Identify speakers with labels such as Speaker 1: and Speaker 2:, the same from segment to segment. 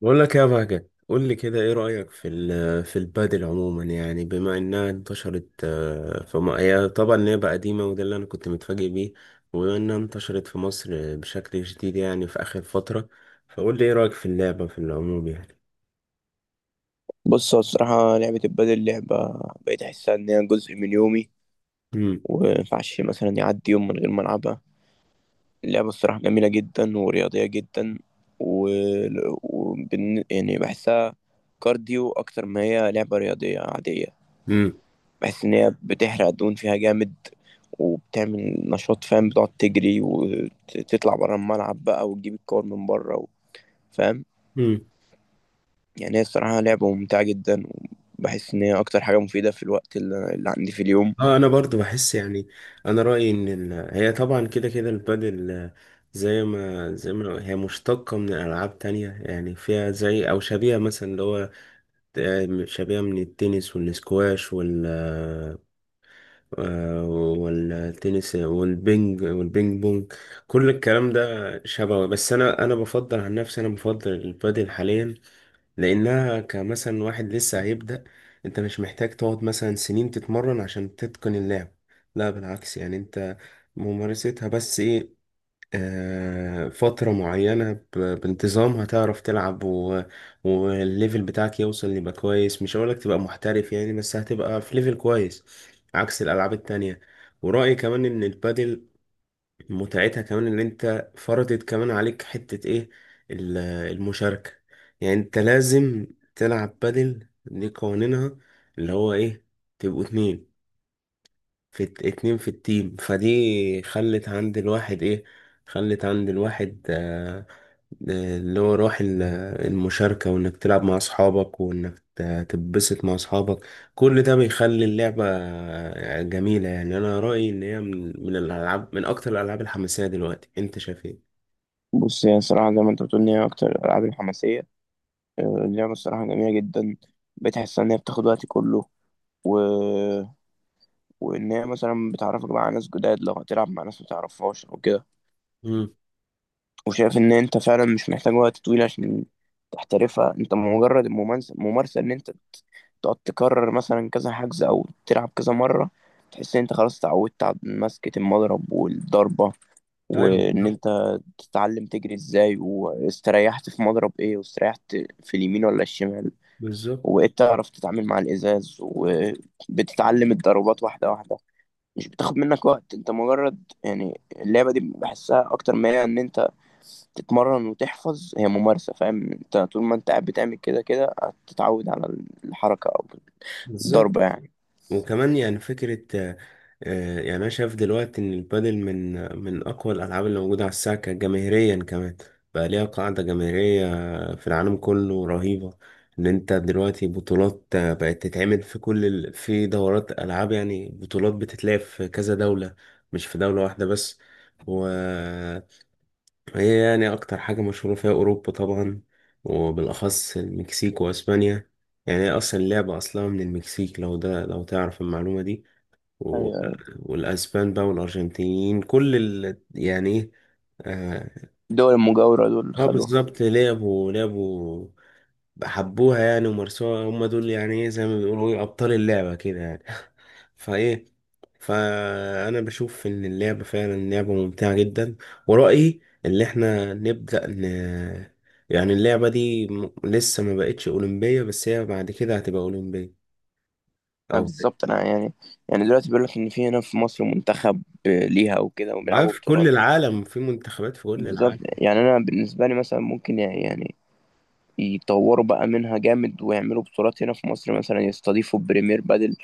Speaker 1: بقول لك يا بهجت، قول لي كده ايه رأيك في في البادل عموما؟ يعني بما انها انتشرت في هي بقى قديمة، وده اللي انا كنت متفاجئ بيه. وبما انها انتشرت في مصر بشكل جديد يعني في آخر فترة، فقول لي ايه رأيك في اللعبة في العموم يعني.
Speaker 2: بص، هو الصراحة لعبة البادل، لعبة بقيت أحسها إن هي جزء من يومي،
Speaker 1: امم.
Speaker 2: ومينفعش مثلا يعدي يوم من غير ما ألعبها. اللعبة الصراحة جميلة جدا ورياضية جدا، و... يعني بحسها كارديو أكتر ما هي لعبة رياضية عادية.
Speaker 1: امم.
Speaker 2: بحس إن هي بتحرق الدهون فيها جامد، وبتعمل نشاط. فاهم؟ بتقعد تجري وتطلع برا الملعب بقى، وتجيب الكور من بره فاهم؟
Speaker 1: امم.
Speaker 2: يعني هي الصراحة لعبة ممتعة جدا، وبحس إن هي أكتر حاجة مفيدة في الوقت اللي عندي في اليوم.
Speaker 1: اه، انا برضو بحس يعني، انا رأيي ان هي طبعا كده كده البادل زي ما هي مشتقة من ألعاب تانية، يعني فيها زي أو شبيهة، مثلا اللي هو شبيهة من التنس والسكواش والتنس والبينج والبينج بونج، كل الكلام ده شبه. بس انا، بفضل عن نفسي، انا بفضل البادل حاليا، لانها كمثلا واحد لسه هيبدأ، انت مش محتاج تقعد مثلا سنين تتمرن عشان تتقن اللعب. لا بالعكس، يعني انت ممارستها بس ايه، فترة معينة بانتظام هتعرف تلعب، و... والليفل بتاعك يوصل يبقى كويس. مش هقولك تبقى محترف يعني، بس هتبقى في ليفل كويس، عكس الألعاب التانية. ورأيي كمان إن البادل متعتها كمان إن أنت فرضت كمان عليك حتة إيه، ال- المشاركة. يعني أنت لازم تلعب بادل، دي قوانينها اللي هو إيه، تبقوا اتنين اتنين في التيم، فدي خلت عند الواحد ايه، خلت عند الواحد اللي هو روح المشاركة، وانك تلعب مع اصحابك، وانك تتبسط مع اصحابك. كل ده بيخلي اللعبة جميلة. يعني انا رأيي ان هي من الالعاب، من اكتر الالعاب الحماسية دلوقتي. انت شايف ايه؟
Speaker 2: بص، هي الصراحة زي ما انت بتقول، ان هي أكتر الألعاب الحماسية. اللعبة الصراحة جميلة جدا. بتحس إن هي بتاخد وقت كله، و... وإن هي مثلا بتعرفك بقى على ناس جداد، لو هتلعب مع ناس متعرفهاش أو كده.
Speaker 1: مم.
Speaker 2: وشايف إن أنت فعلا مش محتاج وقت طويل عشان تحترفها، أنت مجرد الممارسة، ممارسة إن أنت تقعد تكرر مثلا كذا حجز، أو تلعب كذا مرة، تحس إن أنت خلاص اتعودت على مسكة المضرب والضربة،
Speaker 1: ايوه،
Speaker 2: وان
Speaker 1: بالظبط.
Speaker 2: انت تتعلم تجري ازاي، واستريحت في مضرب ايه، واستريحت في اليمين ولا الشمال.
Speaker 1: بالظبط.
Speaker 2: وبقيت تعرف تتعامل مع الازاز، وبتتعلم الضربات واحده واحده، مش بتاخد منك وقت، انت مجرد يعني اللعبه دي بحسها اكتر ما هي ان انت تتمرن وتحفظ، هي ممارسه. فاهم؟ انت طول ما انت قاعد بتعمل كده كده هتتعود على الحركه او
Speaker 1: بالظبط.
Speaker 2: الضربه يعني.
Speaker 1: وكمان يعني فكرة يعني أنا شايف دلوقتي إن البادل من أقوى الألعاب اللي موجودة على الساحة، جماهيريا كمان بقى ليها قاعدة جماهيرية في العالم كله رهيبة. إن أنت دلوقتي بطولات بقت تتعمل في في دورات ألعاب، يعني بطولات بتتلعب في كذا دولة، مش في دولة واحدة بس. و هي يعني أكتر حاجة مشهورة فيها أوروبا طبعا، وبالأخص المكسيك وأسبانيا. يعني هي أصلا اللعبة أصلها من المكسيك، لو ده لو تعرف المعلومة دي. و...
Speaker 2: ايوه، ايوه.
Speaker 1: والأسبان بقى والأرجنتينيين كل يعني إيه، آه،
Speaker 2: الدول المجاوره دول
Speaker 1: اه
Speaker 2: خدوها.
Speaker 1: بالظبط، لعبوا، حبوها يعني ومارسوها، هم دول يعني ايه، زي ما بيقولوا ايه، ابطال اللعبة كده يعني. فايه فانا بشوف ان اللعبة فعلا لعبة ممتعة جدا. ورأيي اللي احنا نبدأ يعني اللعبة دي لسه ما بقتش أولمبية، بس هي بعد كده هتبقى أولمبية،
Speaker 2: ما
Speaker 1: او
Speaker 2: بالظبط. انا يعني دلوقتي بيقول لك ان في هنا في مصر منتخب ليها وكده،
Speaker 1: بقى
Speaker 2: وبيلعبوا
Speaker 1: في كل
Speaker 2: بطولات.
Speaker 1: العالم في منتخبات في كل
Speaker 2: بالظبط،
Speaker 1: العالم.
Speaker 2: يعني انا بالنسبه لي مثلا ممكن يعني يطوروا بقى منها جامد، ويعملوا بطولات هنا في مصر مثلا، يستضيفوا بريمير بادل،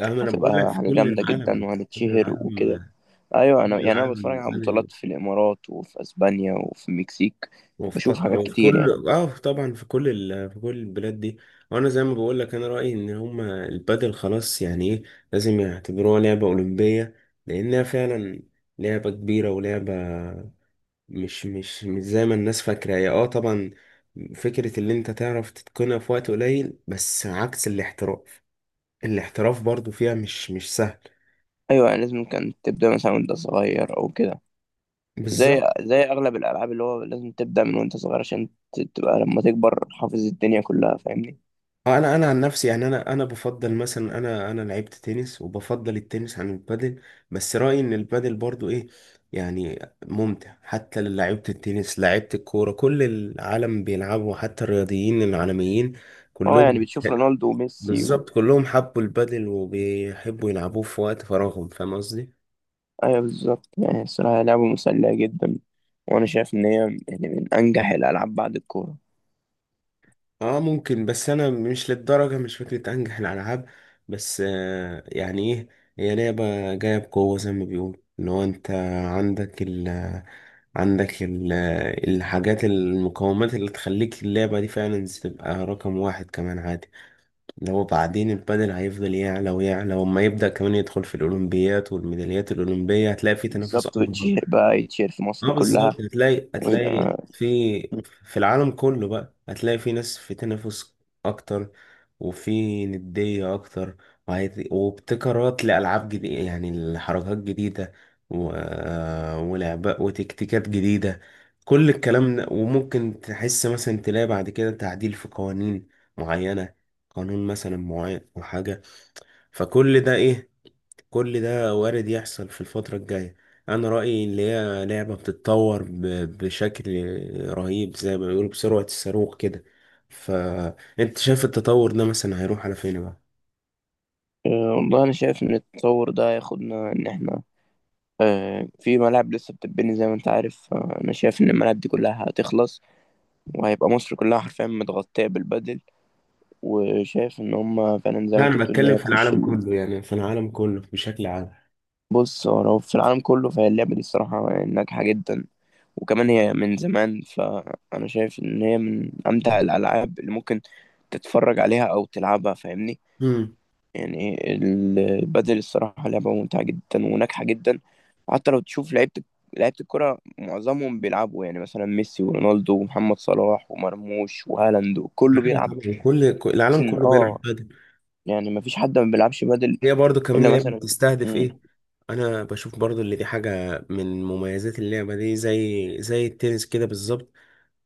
Speaker 1: أهم انا بقول لك،
Speaker 2: هتبقى
Speaker 1: في
Speaker 2: حاجه
Speaker 1: كل
Speaker 2: جامده جدا،
Speaker 1: العالم. كل
Speaker 2: وهنتشهر وكده.
Speaker 1: العالم.
Speaker 2: ايوه، انا
Speaker 1: كل
Speaker 2: يعني انا بتفرج
Speaker 1: العالم.
Speaker 2: على بطولات في الامارات، وفي اسبانيا، وفي المكسيك،
Speaker 1: وفي
Speaker 2: بشوف
Speaker 1: قطر
Speaker 2: حاجات
Speaker 1: وفي
Speaker 2: كتير يعني.
Speaker 1: كل، اه طبعا، في كل في كل البلاد دي. وانا زي ما بقول لك، انا رايي ان هما البادل خلاص يعني ايه، لازم يعتبروها لعبه اولمبيه، لانها فعلا لعبه كبيره، ولعبه مش زي ما الناس فاكره. هي اه طبعا فكره اللي انت تعرف تتقنها في وقت قليل، بس عكس الاحتراف. الاحتراف برضو فيها مش سهل.
Speaker 2: ايوه، يعني لازم كانت تبدا مثلا وانت صغير او كده، زي
Speaker 1: بالظبط.
Speaker 2: زي اغلب الالعاب، اللي هو لازم تبدا من وانت صغير، عشان تبقى لما تكبر حافظ الدنيا كلها. فاهمني؟
Speaker 1: اه انا، عن نفسي يعني، انا، بفضل مثلا، انا لعبت تنس، وبفضل التنس عن البادل. بس رأيي ان البادل برضو ايه يعني، ممتع حتى لعيبة التنس، لعيبة الكورة، كل العالم بيلعبوا، حتى الرياضيين العالميين
Speaker 2: اه، يعني
Speaker 1: كلهم.
Speaker 2: بتشوف رونالدو وميسي
Speaker 1: بالظبط، كلهم حبوا البادل وبيحبوا يلعبوه في وقت فراغهم. فاهم قصدي؟
Speaker 2: ايوه، بالظبط. يعني الصراحه لعبه مسليه جدا، وانا شايف ان هي يعني من انجح الالعاب بعد الكوره.
Speaker 1: اه ممكن، بس انا مش للدرجه، مش فكره انجح الالعاب. بس يعني ايه، هي لعبه جايه بقوه، زي ما بيقول ان هو انت عندك ال عندك الحاجات، المقومات اللي تخليك اللعبه دي فعلا تبقى رقم واحد كمان عادي. لو بعدين البدل هيفضل يعلى ويعلى، وما يبدا كمان يدخل في الاولمبيات والميداليات الاولمبيه، هتلاقي في تنافس
Speaker 2: بالظبط،
Speaker 1: اكبر.
Speaker 2: وتشير بقى، يتشير في
Speaker 1: اه
Speaker 2: مصر
Speaker 1: بالظبط،
Speaker 2: كلها،
Speaker 1: هتلاقي
Speaker 2: ويبقى
Speaker 1: في العالم كله بقى، هتلاقي في ناس، في تنافس اكتر، وفي ندية اكتر، وابتكارات لألعاب جديدة، يعني لحركات جديدة، و... ولعبة وتكتيكات جديدة. كل الكلام ده، وممكن تحس مثلا تلاقي بعد كده تعديل في قوانين معينة، قانون مثلا معين أو حاجة. فكل ده ايه، كل ده وارد يحصل في الفترة الجاية. أنا رأيي إن هي لعبة بتتطور بشكل رهيب، زي ما بيقولوا بسرعة الصاروخ كده. فأنت شايف التطور ده مثلا هيروح على فين بقى؟
Speaker 2: والله، انا شايف ان التطور ده ياخدنا ان احنا في ملاعب لسه بتتبني، زي ما انت عارف. انا شايف ان الملاعب دي كلها هتخلص، وهيبقى مصر كلها حرفيا متغطيه بالبدل. وشايف ان هم فعلا زي ما
Speaker 1: لا
Speaker 2: انت
Speaker 1: أنا
Speaker 2: بتقول، ان
Speaker 1: بتكلم
Speaker 2: هي
Speaker 1: في
Speaker 2: تخش
Speaker 1: العالم كله، يعني في العالم كله بشكل عام.
Speaker 2: بص، هو لو في العالم كله فهي اللعبه دي الصراحه ناجحه جدا. وكمان هي من زمان، فانا شايف ان هي من امتع الالعاب اللي ممكن تتفرج عليها او تلعبها. فاهمني؟
Speaker 1: امم.
Speaker 2: يعني البدل الصراحه لعبه ممتعه جدا وناجحه جدا. حتى لو تشوف لعيبه الكره معظمهم بيلعبوا، يعني مثلا ميسي ورونالدو ومحمد صلاح ومرموش وهالاند كله
Speaker 1: ايوه
Speaker 2: بيلعب.
Speaker 1: طبعا،
Speaker 2: بس
Speaker 1: العالم كله بيلعب قدم.
Speaker 2: يعني ما فيش حد ما بيلعبش بدل
Speaker 1: هي برضو كمان
Speaker 2: الا
Speaker 1: لعبة
Speaker 2: مثلا.
Speaker 1: بتستهدف
Speaker 2: مم.
Speaker 1: إيه؟ أنا بشوف برضو اللي دي حاجة من مميزات اللعبة دي، زي التنس كده بالظبط،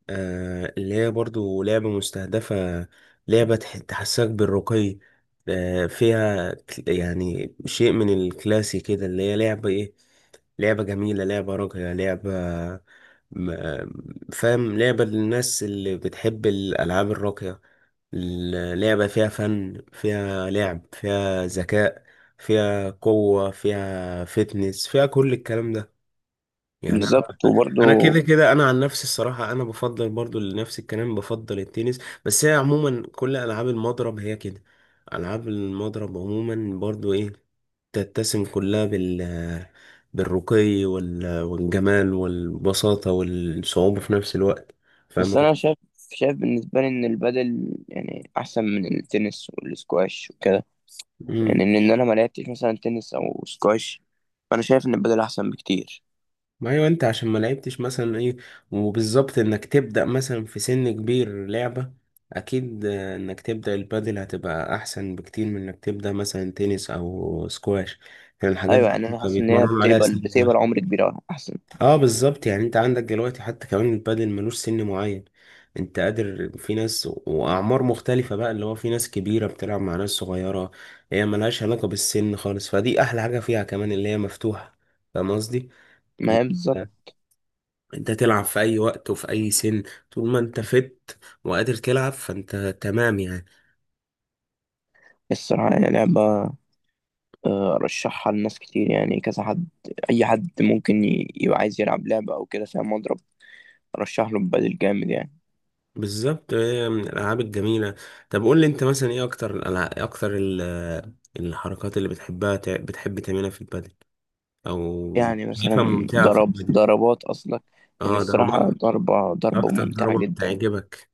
Speaker 1: اللي هي برضو لعبة مستهدفة، لعبة تحسسك بالرقي، فيها يعني شيء من الكلاسي كده، اللي هي لعبة ايه، لعبة جميلة، لعبة راقية، لعبة فاهم، لعبة للناس اللي بتحب الألعاب الراقية. اللعبة فيها فن، فيها لعب، فيها ذكاء، فيها قوة، فيها فتنس، فيها كل الكلام ده، يعني انا،
Speaker 2: بالظبط، وبرضه،
Speaker 1: كده كده، انا عن نفسي الصراحه، انا بفضل برضو لنفس الكلام، بفضل التنس. بس هي عموما كل العاب المضرب هي كده، العاب المضرب عموما برضو ايه، تتسم كلها بالرقي والجمال والبساطه والصعوبه في نفس الوقت.
Speaker 2: بس
Speaker 1: فاهم.
Speaker 2: انا شايف بالنسبه لي ان البدل يعني احسن من التنس والسكواش وكده، يعني إن انا ما لعبتش مثلا تنس او سكواش، فانا شايف ان البدل احسن بكتير.
Speaker 1: ما ايوه، انت عشان ما لعبتش مثلا ايه، وبالظبط انك تبدأ مثلا في سن كبير لعبة، اكيد انك تبدأ البادل هتبقى احسن بكتير من انك تبدأ مثلا تنس او سكواش. يعني الحاجات
Speaker 2: ايوه،
Speaker 1: دي
Speaker 2: يعني انا
Speaker 1: بتبقى
Speaker 2: حاسس ان هي
Speaker 1: بيتمرنوا عليها
Speaker 2: بتقبل
Speaker 1: سن ما.
Speaker 2: بتقبل عمر كبير أوي احسن.
Speaker 1: اه بالظبط، يعني انت عندك دلوقتي حتى كمان البادل ملوش سن معين. انت قادر، في ناس واعمار مختلفة بقى، اللي هو في ناس كبيرة بتلعب مع ناس صغيرة، هي ملهاش علاقة بالسن خالص. فدي احلى حاجة فيها كمان، اللي هي مفتوحة. فاهم قصدي؟
Speaker 2: ما هي بالظبط.
Speaker 1: انت تلعب في اي وقت وفي اي سن، طول ما انت فت وقادر تلعب، فانت تمام يعني.
Speaker 2: الصراحه يعني لعبه، ارشحها لناس كتير، يعني كذا حد، اي حد ممكن يبقى عايز يلعب لعبه او كده فيها مضرب، ارشح له البدل جامد يعني.
Speaker 1: بالظبط، هي من الالعاب الجميله. طب قول لي انت مثلا ايه اكتر الالعاب، الحركات اللي بتحبها، بتحب تعملها في البادل او
Speaker 2: يعني
Speaker 1: شايفها
Speaker 2: مثلا
Speaker 1: ممتعه في
Speaker 2: ضرب
Speaker 1: البادل.
Speaker 2: ضربات أصلك، يعني
Speaker 1: اه
Speaker 2: الصراحة،
Speaker 1: ضربات،
Speaker 2: ضربة
Speaker 1: اكتر
Speaker 2: ممتعة
Speaker 1: ضربه
Speaker 2: جدا،
Speaker 1: بتعجبك.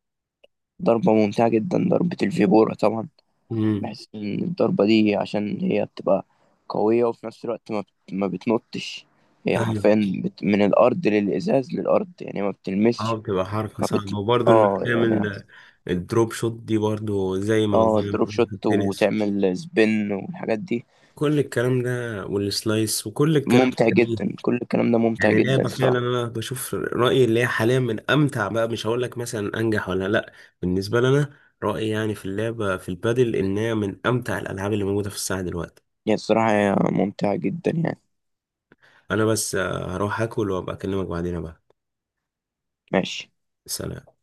Speaker 2: ضربة ممتعة جدا، ضربة الفيبورا طبعا.
Speaker 1: امم.
Speaker 2: بحس إن الضربة دي عشان هي بتبقى قوية، وفي نفس الوقت ما بتنطش. هي
Speaker 1: ايوه.
Speaker 2: حرفيا من الأرض للإزاز للأرض، يعني ما
Speaker 1: اه
Speaker 2: بتلمسش.
Speaker 1: بتبقى حركه
Speaker 2: ما
Speaker 1: صعبه،
Speaker 2: بت
Speaker 1: وبرضه انك
Speaker 2: اه يعني
Speaker 1: تعمل الدروب شوت دي برضه، زي ما
Speaker 2: اه
Speaker 1: موجودة
Speaker 2: دروب
Speaker 1: في
Speaker 2: شوت،
Speaker 1: التنس،
Speaker 2: وتعمل سبين والحاجات دي.
Speaker 1: كل الكلام ده، والسلايس، وكل الكلام ده
Speaker 2: ممتع
Speaker 1: جميل.
Speaker 2: جدا، كل الكلام ده ممتع
Speaker 1: يعني
Speaker 2: جدا
Speaker 1: لعبة فعلا،
Speaker 2: الصراحة.
Speaker 1: أنا بشوف رأيي اللي هي حاليا من أمتع بقى، مش هقول لك مثلا أنجح ولا لأ، بالنسبة لنا رأيي يعني في اللعبة في البادل، إنها من أمتع الألعاب اللي موجودة في الساعة دلوقتي.
Speaker 2: هي الصراحة هي ممتعة جدا يعني.
Speaker 1: أنا بس هروح أكل وأبقى أكلمك بعدين بقى.
Speaker 2: ماشي.
Speaker 1: سلام.